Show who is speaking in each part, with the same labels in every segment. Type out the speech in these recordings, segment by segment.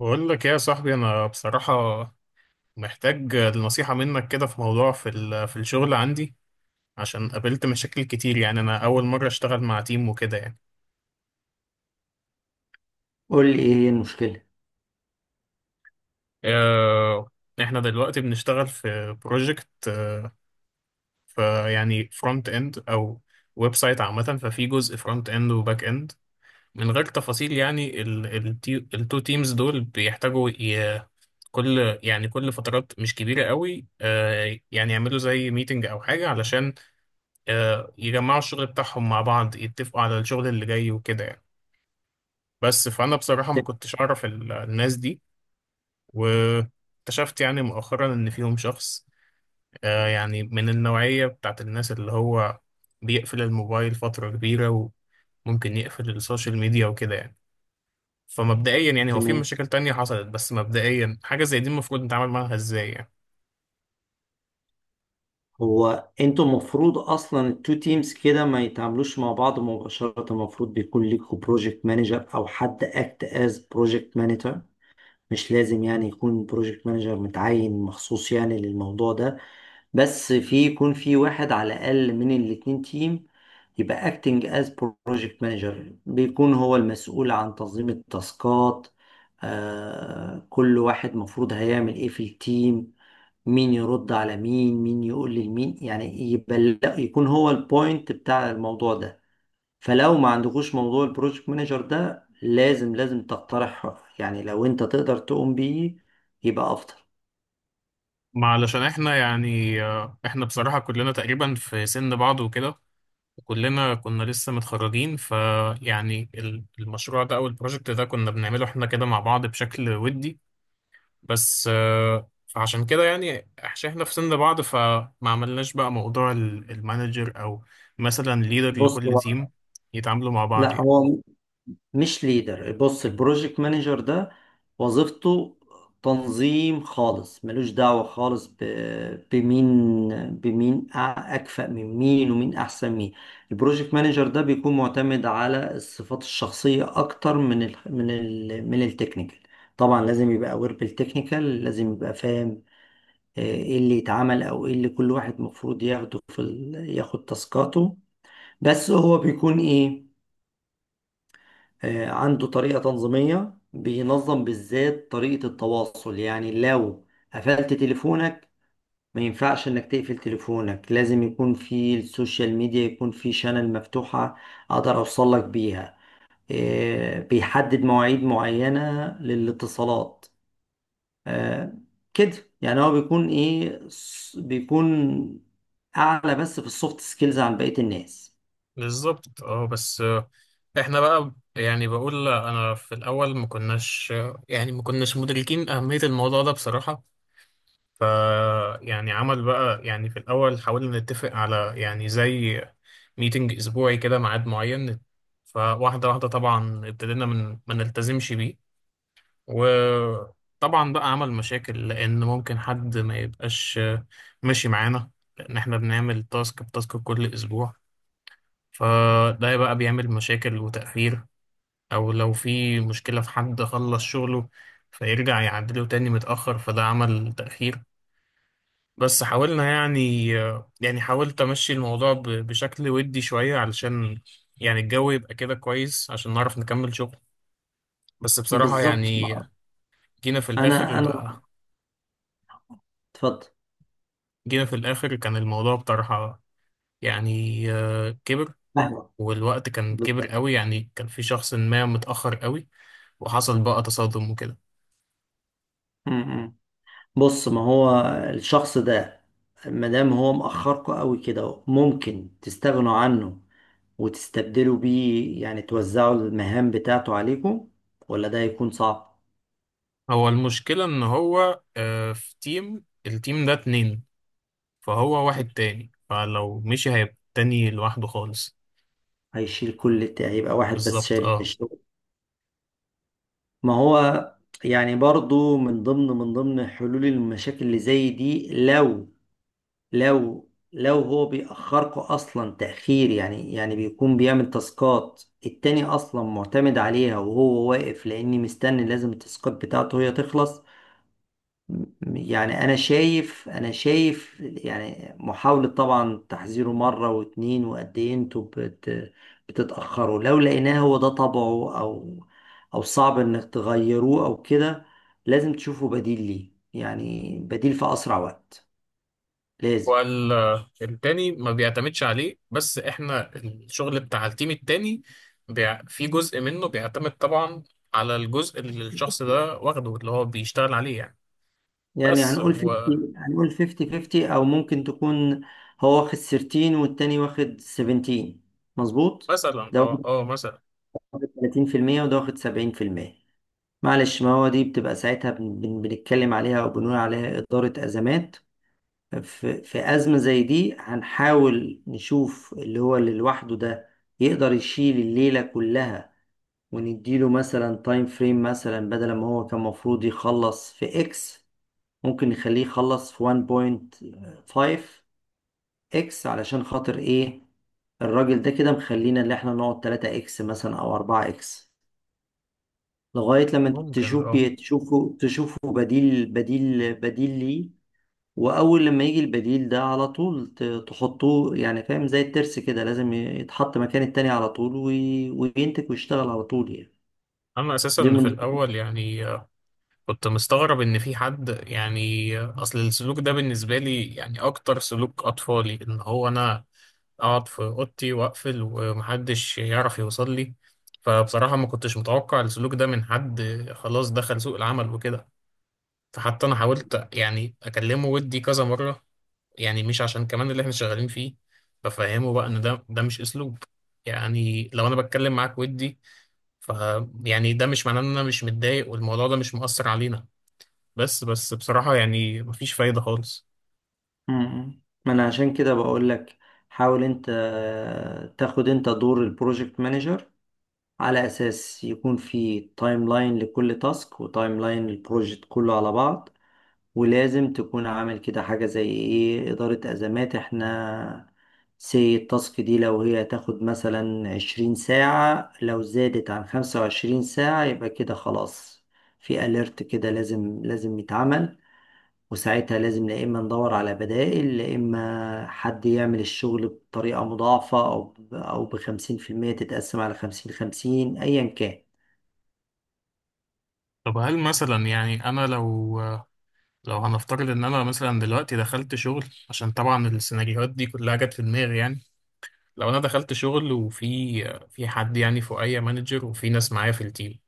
Speaker 1: بقول لك إيه يا صاحبي، انا بصراحة محتاج نصيحة منك كده في موضوع في في الشغل عندي، عشان قابلت مشاكل كتير. يعني انا اول مرة اشتغل مع تيم وكده.
Speaker 2: قول لي ايه هي المشكله؟
Speaker 1: آه، احنا دلوقتي بنشتغل في بروجكت، فيعني فرونت اند او ويب سايت عامة، ففي جزء فرونت اند وباك اند. من غير تفاصيل، يعني التو تيمز دول بيحتاجوا كل يعني كل فترات مش كبيرة قوي، يعني يعملوا زي ميتنج او حاجة، علشان يجمعوا الشغل بتاعهم مع بعض، يتفقوا على الشغل اللي جاي وكده يعني. بس فأنا بصراحة ما
Speaker 2: ت-
Speaker 1: كنتش أعرف الناس دي، واكتشفت يعني مؤخرا إن فيهم شخص، يعني من النوعية بتاعت الناس اللي هو بيقفل الموبايل فترة كبيرة، وممكن يقفل السوشيال ميديا وكده يعني. فمبدئيا يعني هو في
Speaker 2: تمام.
Speaker 1: مشاكل تانية حصلت، بس مبدئيا حاجة زي دي المفروض نتعامل معاها ازاي يعني؟
Speaker 2: هو انتوا المفروض اصلا التو تيمز كده ما يتعاملوش مع بعض مباشره، المفروض بيكون ليكوا بروجكت مانجر او حد اكت از بروجكت مانجر. مش لازم يعني يكون بروجكت مانجر متعين مخصوص يعني للموضوع ده، بس في يكون في واحد على الأقل من الاتنين تيم يبقى acting as project manager، بيكون هو المسؤول عن تنظيم التاسكات، آه كل واحد مفروض هيعمل ايه في التيم، مين يرد على مين، مين يقول لمين، يعني يبقى يكون هو البوينت بتاع الموضوع ده. فلو ما عندكوش موضوع البروجكت مانجر ده لازم لازم تقترح، يعني لو انت تقدر تقوم بيه يبقى افضل.
Speaker 1: ما علشان احنا يعني احنا بصراحة كلنا تقريبا في سن بعض وكده، كلنا كنا لسه متخرجين، فيعني المشروع ده او البروجكت ده كنا بنعمله احنا كده مع بعض بشكل ودي. بس آه، فعشان كده يعني عشان احنا في سن بعض، فما عملناش بقى موضوع المانجر، او مثلا ليدر
Speaker 2: بص
Speaker 1: لكل
Speaker 2: هو،
Speaker 1: تيم يتعاملوا مع بعض
Speaker 2: لا
Speaker 1: يعني.
Speaker 2: هو مش ليدر، بص البروجكت مانجر ده وظيفته تنظيم خالص، ملوش دعوة خالص بمين، بمين أكفأ من مين ومين أحسن مين. البروجكت مانجر ده بيكون معتمد على الصفات الشخصية أكتر من من التكنيكال. طبعا لازم يبقى أوير بالتكنيكال، لازم يبقى فاهم ايه اللي يتعمل او ايه اللي كل واحد مفروض ياخده في ياخد تاسكاته. بس هو بيكون ايه؟ عنده طريقة تنظيمية، بينظم بالذات طريقة التواصل. يعني لو قفلت تليفونك، ما ينفعش انك تقفل تليفونك، لازم يكون في السوشيال ميديا، يكون في شانل مفتوحة اقدر اوصل لك بيها. بيحدد مواعيد معينة للاتصالات. آه، كده يعني هو بيكون ايه، بيكون اعلى بس في السوفت سكيلز عن بقية الناس.
Speaker 1: بالظبط، اه. بس آه، احنا بقى يعني بقول انا في الاول ما كناش، يعني ما كناش مدركين اهمية الموضوع ده بصراحة. ف يعني عمل بقى، يعني في الأول حاولنا نتفق على يعني زي ميتنج أسبوعي كده، ميعاد معين، فواحدة واحدة طبعا ابتدينا من ما نلتزمش بيه. وطبعا بقى عمل مشاكل، لأن ممكن حد ما يبقاش ماشي معانا، لأن احنا بنعمل تاسك بتاسك كل أسبوع، فده بقى بيعمل مشاكل وتأخير. أو لو في مشكلة في حد خلص شغله فيرجع يعدله تاني متأخر، فده عمل تأخير. بس حاولنا يعني يعني حاولت امشي الموضوع بشكل ودي شوية، علشان يعني الجو يبقى كده كويس عشان نعرف نكمل شغل. بس بصراحة
Speaker 2: بالظبط.
Speaker 1: يعني جينا في الاخر
Speaker 2: انا اتفضل.
Speaker 1: جينا في الاخر كان الموضوع بطرحة، يعني كبر،
Speaker 2: أهلا.
Speaker 1: والوقت كان كبر
Speaker 2: بالظبط.
Speaker 1: قوي، يعني كان في شخص ما متأخر قوي، وحصل بقى تصادم وكده.
Speaker 2: م- م. بص، ما هو الشخص ده مادام هو مأخركوا قوي كده، ممكن تستغنوا عنه وتستبدلوا بيه، يعني توزعوا المهام بتاعته عليكم، ولا ده هيكون صعب؟
Speaker 1: هو المشكلة ان هو، في تيم، التيم ده اتنين، فهو واحد تاني، فلو مشي هيبقى تاني لوحده خالص.
Speaker 2: هيشيل كل هيبقى واحد بس
Speaker 1: بالظبط،
Speaker 2: شايل
Speaker 1: اه.
Speaker 2: الشغل. ما هو يعني برضو من ضمن حلول المشاكل اللي زي دي، لو لو هو بيأخركوا أصلا تأخير، يعني يعني بيكون بيعمل تاسكات التاني أصلا معتمد عليها وهو واقف، لأني مستني لازم التاسكات بتاعته هي تخلص. م- يعني أنا شايف، أنا شايف يعني محاولة طبعا تحذيره مرة واتنين وقد إيه أنتوا بتتأخروا، لو لقيناه هو ده طبعه، أو أو صعب إنك تغيروه أو كده، لازم تشوفوا بديل ليه، يعني بديل في أسرع وقت، لازم.
Speaker 1: والتاني ما بيعتمدش عليه، بس احنا الشغل بتاع التيم التاني في جزء منه بيعتمد طبعا على الجزء اللي الشخص ده واخده، اللي هو بيشتغل عليه يعني.
Speaker 2: يعني
Speaker 1: بس
Speaker 2: هنقول
Speaker 1: ومثلا،
Speaker 2: 50، هنقول 50 50، او ممكن تكون هو واخد 13 والتاني واخد 17، مظبوط، ده
Speaker 1: اه
Speaker 2: واخد
Speaker 1: اه مثلا،
Speaker 2: 30% وده واخد 70%. معلش، ما هو دي بتبقى ساعتها بنتكلم عليها او بنقول عليها إدارة أزمات. في أزمة زي دي هنحاول نشوف اللي هو اللي لوحده ده يقدر يشيل الليلة كلها، ونديله مثلا تايم فريم مثلا بدل ما هو كان المفروض يخلص في اكس، ممكن نخليه يخلص في 1.5 اكس. علشان خاطر ايه؟ الراجل ده كده مخلينا اللي احنا نقعد 3 اكس مثلا او 4 اكس لغاية لما
Speaker 1: ممكن
Speaker 2: تشوف
Speaker 1: اه.
Speaker 2: بي تشوفه تشوفه بديل، بديل ليه. واول لما يجي البديل ده على طول تحطوه، يعني فاهم؟ زي الترس كده، لازم يتحط مكان التاني على طول وينتج ويشتغل على طول يعني.
Speaker 1: انا
Speaker 2: دي
Speaker 1: اساسا في
Speaker 2: من
Speaker 1: الاول يعني كنت مستغرب ان في حد يعني، اصل السلوك ده بالنسبه لي يعني اكتر سلوك اطفالي، ان هو انا اقعد في اوضتي واقفل ومحدش يعرف يوصل لي. فبصراحة ما كنتش متوقع السلوك ده من حد خلاص دخل سوق العمل وكده. فحتى انا حاولت يعني اكلمه ودي كذا مرة، يعني مش عشان كمان اللي احنا شغالين فيه، بفهمه بقى ان ده مش اسلوب، يعني لو انا بتكلم معاك ودي، ف يعني ده مش معناه ان انا مش متضايق والموضوع ده مش مؤثر علينا. بس بصراحة يعني مفيش فايدة خالص.
Speaker 2: ما انا عشان كده بقول لك، حاول انت تاخد انت دور البروجكت مانجر، على أساس يكون في تايم لاين لكل تاسك وتايم لاين للبروجكت كله على بعض. ولازم تكون عامل كده حاجة زي إيه، إدارة أزمات. إحنا سي التاسك دي لو هي تاخد مثلا عشرين ساعة، لو زادت عن خمسة وعشرين ساعة يبقى كده خلاص، في أليرت كده لازم لازم يتعمل. وساعتها لازم لا اما ندور على بدائل، لا اما حد يعمل الشغل بطريقة مضاعفة او او بخمسين في المية تتقسم على خمسين خمسين، ايا كان.
Speaker 1: طب هل مثلا يعني انا لو، لو هنفترض ان انا مثلا دلوقتي دخلت شغل، عشان طبعا السيناريوهات دي كلها جت في دماغي يعني. لو انا دخلت شغل، وفي حد يعني فوقيا مانجر، وفي ناس معايا في التيم،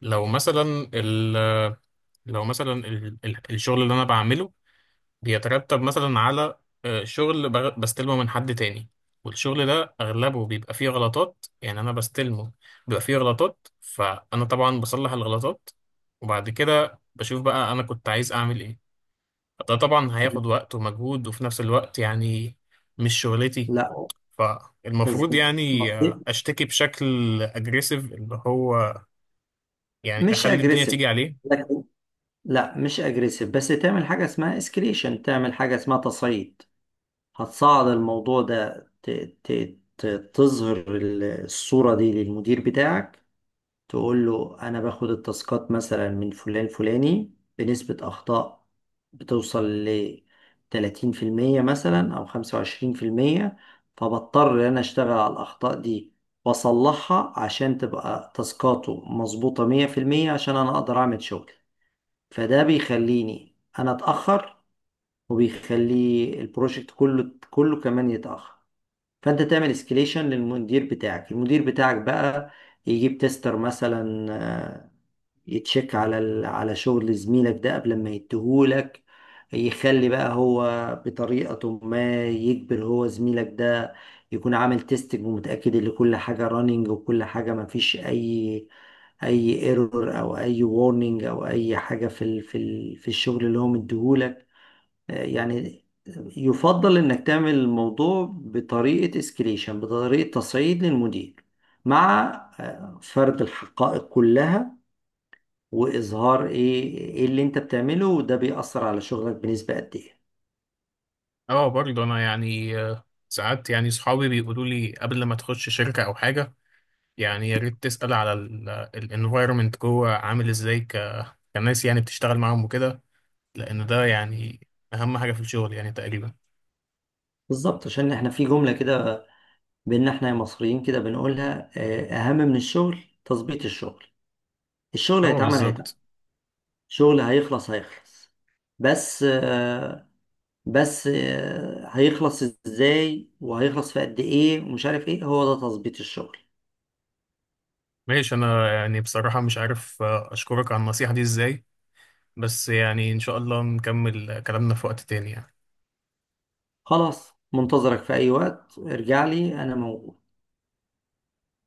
Speaker 1: لو مثلا ال لو مثلا الشغل اللي انا بعمله بيترتب مثلا على شغل بستلمه من حد تاني، والشغل ده اغلبه بيبقى فيه غلطات، يعني انا بستلمه بيبقى فيه غلطات، فانا طبعا بصلح الغلطات، وبعد كده بشوف بقى انا كنت عايز اعمل ايه. ده طبعا هياخد
Speaker 2: تمام.
Speaker 1: وقت ومجهود، وفي نفس الوقت يعني مش شغلتي.
Speaker 2: لا،
Speaker 1: فالمفروض
Speaker 2: بالظبط
Speaker 1: يعني
Speaker 2: مصرف.
Speaker 1: اشتكي بشكل اجريسيف، اللي هو يعني
Speaker 2: مش
Speaker 1: اخلي الدنيا
Speaker 2: اجريسيف
Speaker 1: تيجي عليه.
Speaker 2: لكن، لا مش اجريسيف، بس تعمل حاجة اسمها اسكليشن، تعمل حاجة اسمها تصعيد. هتصعد الموضوع ده ت... ت- تظهر الصورة دي للمدير بتاعك، تقول له انا باخد التاسكات مثلا من فلان فلاني بنسبة اخطاء بتوصل ل 30% مثلا او 25%، فبضطر ان انا اشتغل على الاخطاء دي واصلحها عشان تبقى تاسكاته مظبوطة 100%، عشان انا اقدر اعمل شغل. فده بيخليني انا اتاخر، وبيخلي البروجكت كله كمان يتاخر. فانت تعمل اسكليشن للمدير بتاعك. المدير بتاعك بقى يجيب تيستر مثلا، يتشيك على على شغل زميلك ده قبل ما يديهولك، يخلي بقى هو بطريقة ما يجبر هو زميلك ده يكون عامل تيستنج ومتأكد ان كل حاجة رانينج، وكل حاجة ما فيش اي ايرور او اي وارنينج او اي حاجة في في الشغل اللي هو مديهولك. يعني يفضل انك تعمل الموضوع بطريقة اسكليشن، بطريقة تصعيد للمدير، مع فرد الحقائق كلها، واظهار ايه ايه اللي انت بتعمله وده بيأثر على شغلك بنسبة قد ايه.
Speaker 1: اه برضه انا يعني ساعات يعني صحابي بيقولوا لي قبل ما تخش شركة او حاجة، يعني يا ريت تسأل على الانفايرمنت جوه عامل ازاي، كناس يعني بتشتغل معاهم وكده، لان ده يعني اهم حاجة في الشغل يعني تقريبا.
Speaker 2: بالظبط، عشان احنا في جملة كده بينا احنا مصريين كده بنقولها، اهم من الشغل تظبيط الشغل. الشغل
Speaker 1: اه
Speaker 2: هيتعمل هيتعمل،
Speaker 1: بالظبط.
Speaker 2: الشغل هيخلص هيخلص، بس هيخلص ازاي وهيخلص في قد ايه ومش عارف ايه، هو ده تظبيط الشغل.
Speaker 1: ماشي، انا يعني بصراحة مش عارف اشكرك على النصيحة دي ازاي، بس يعني ان شاء الله نكمل كلامنا في وقت تاني يعني.
Speaker 2: خلاص، منتظرك في اي وقت ارجع لي انا موجود.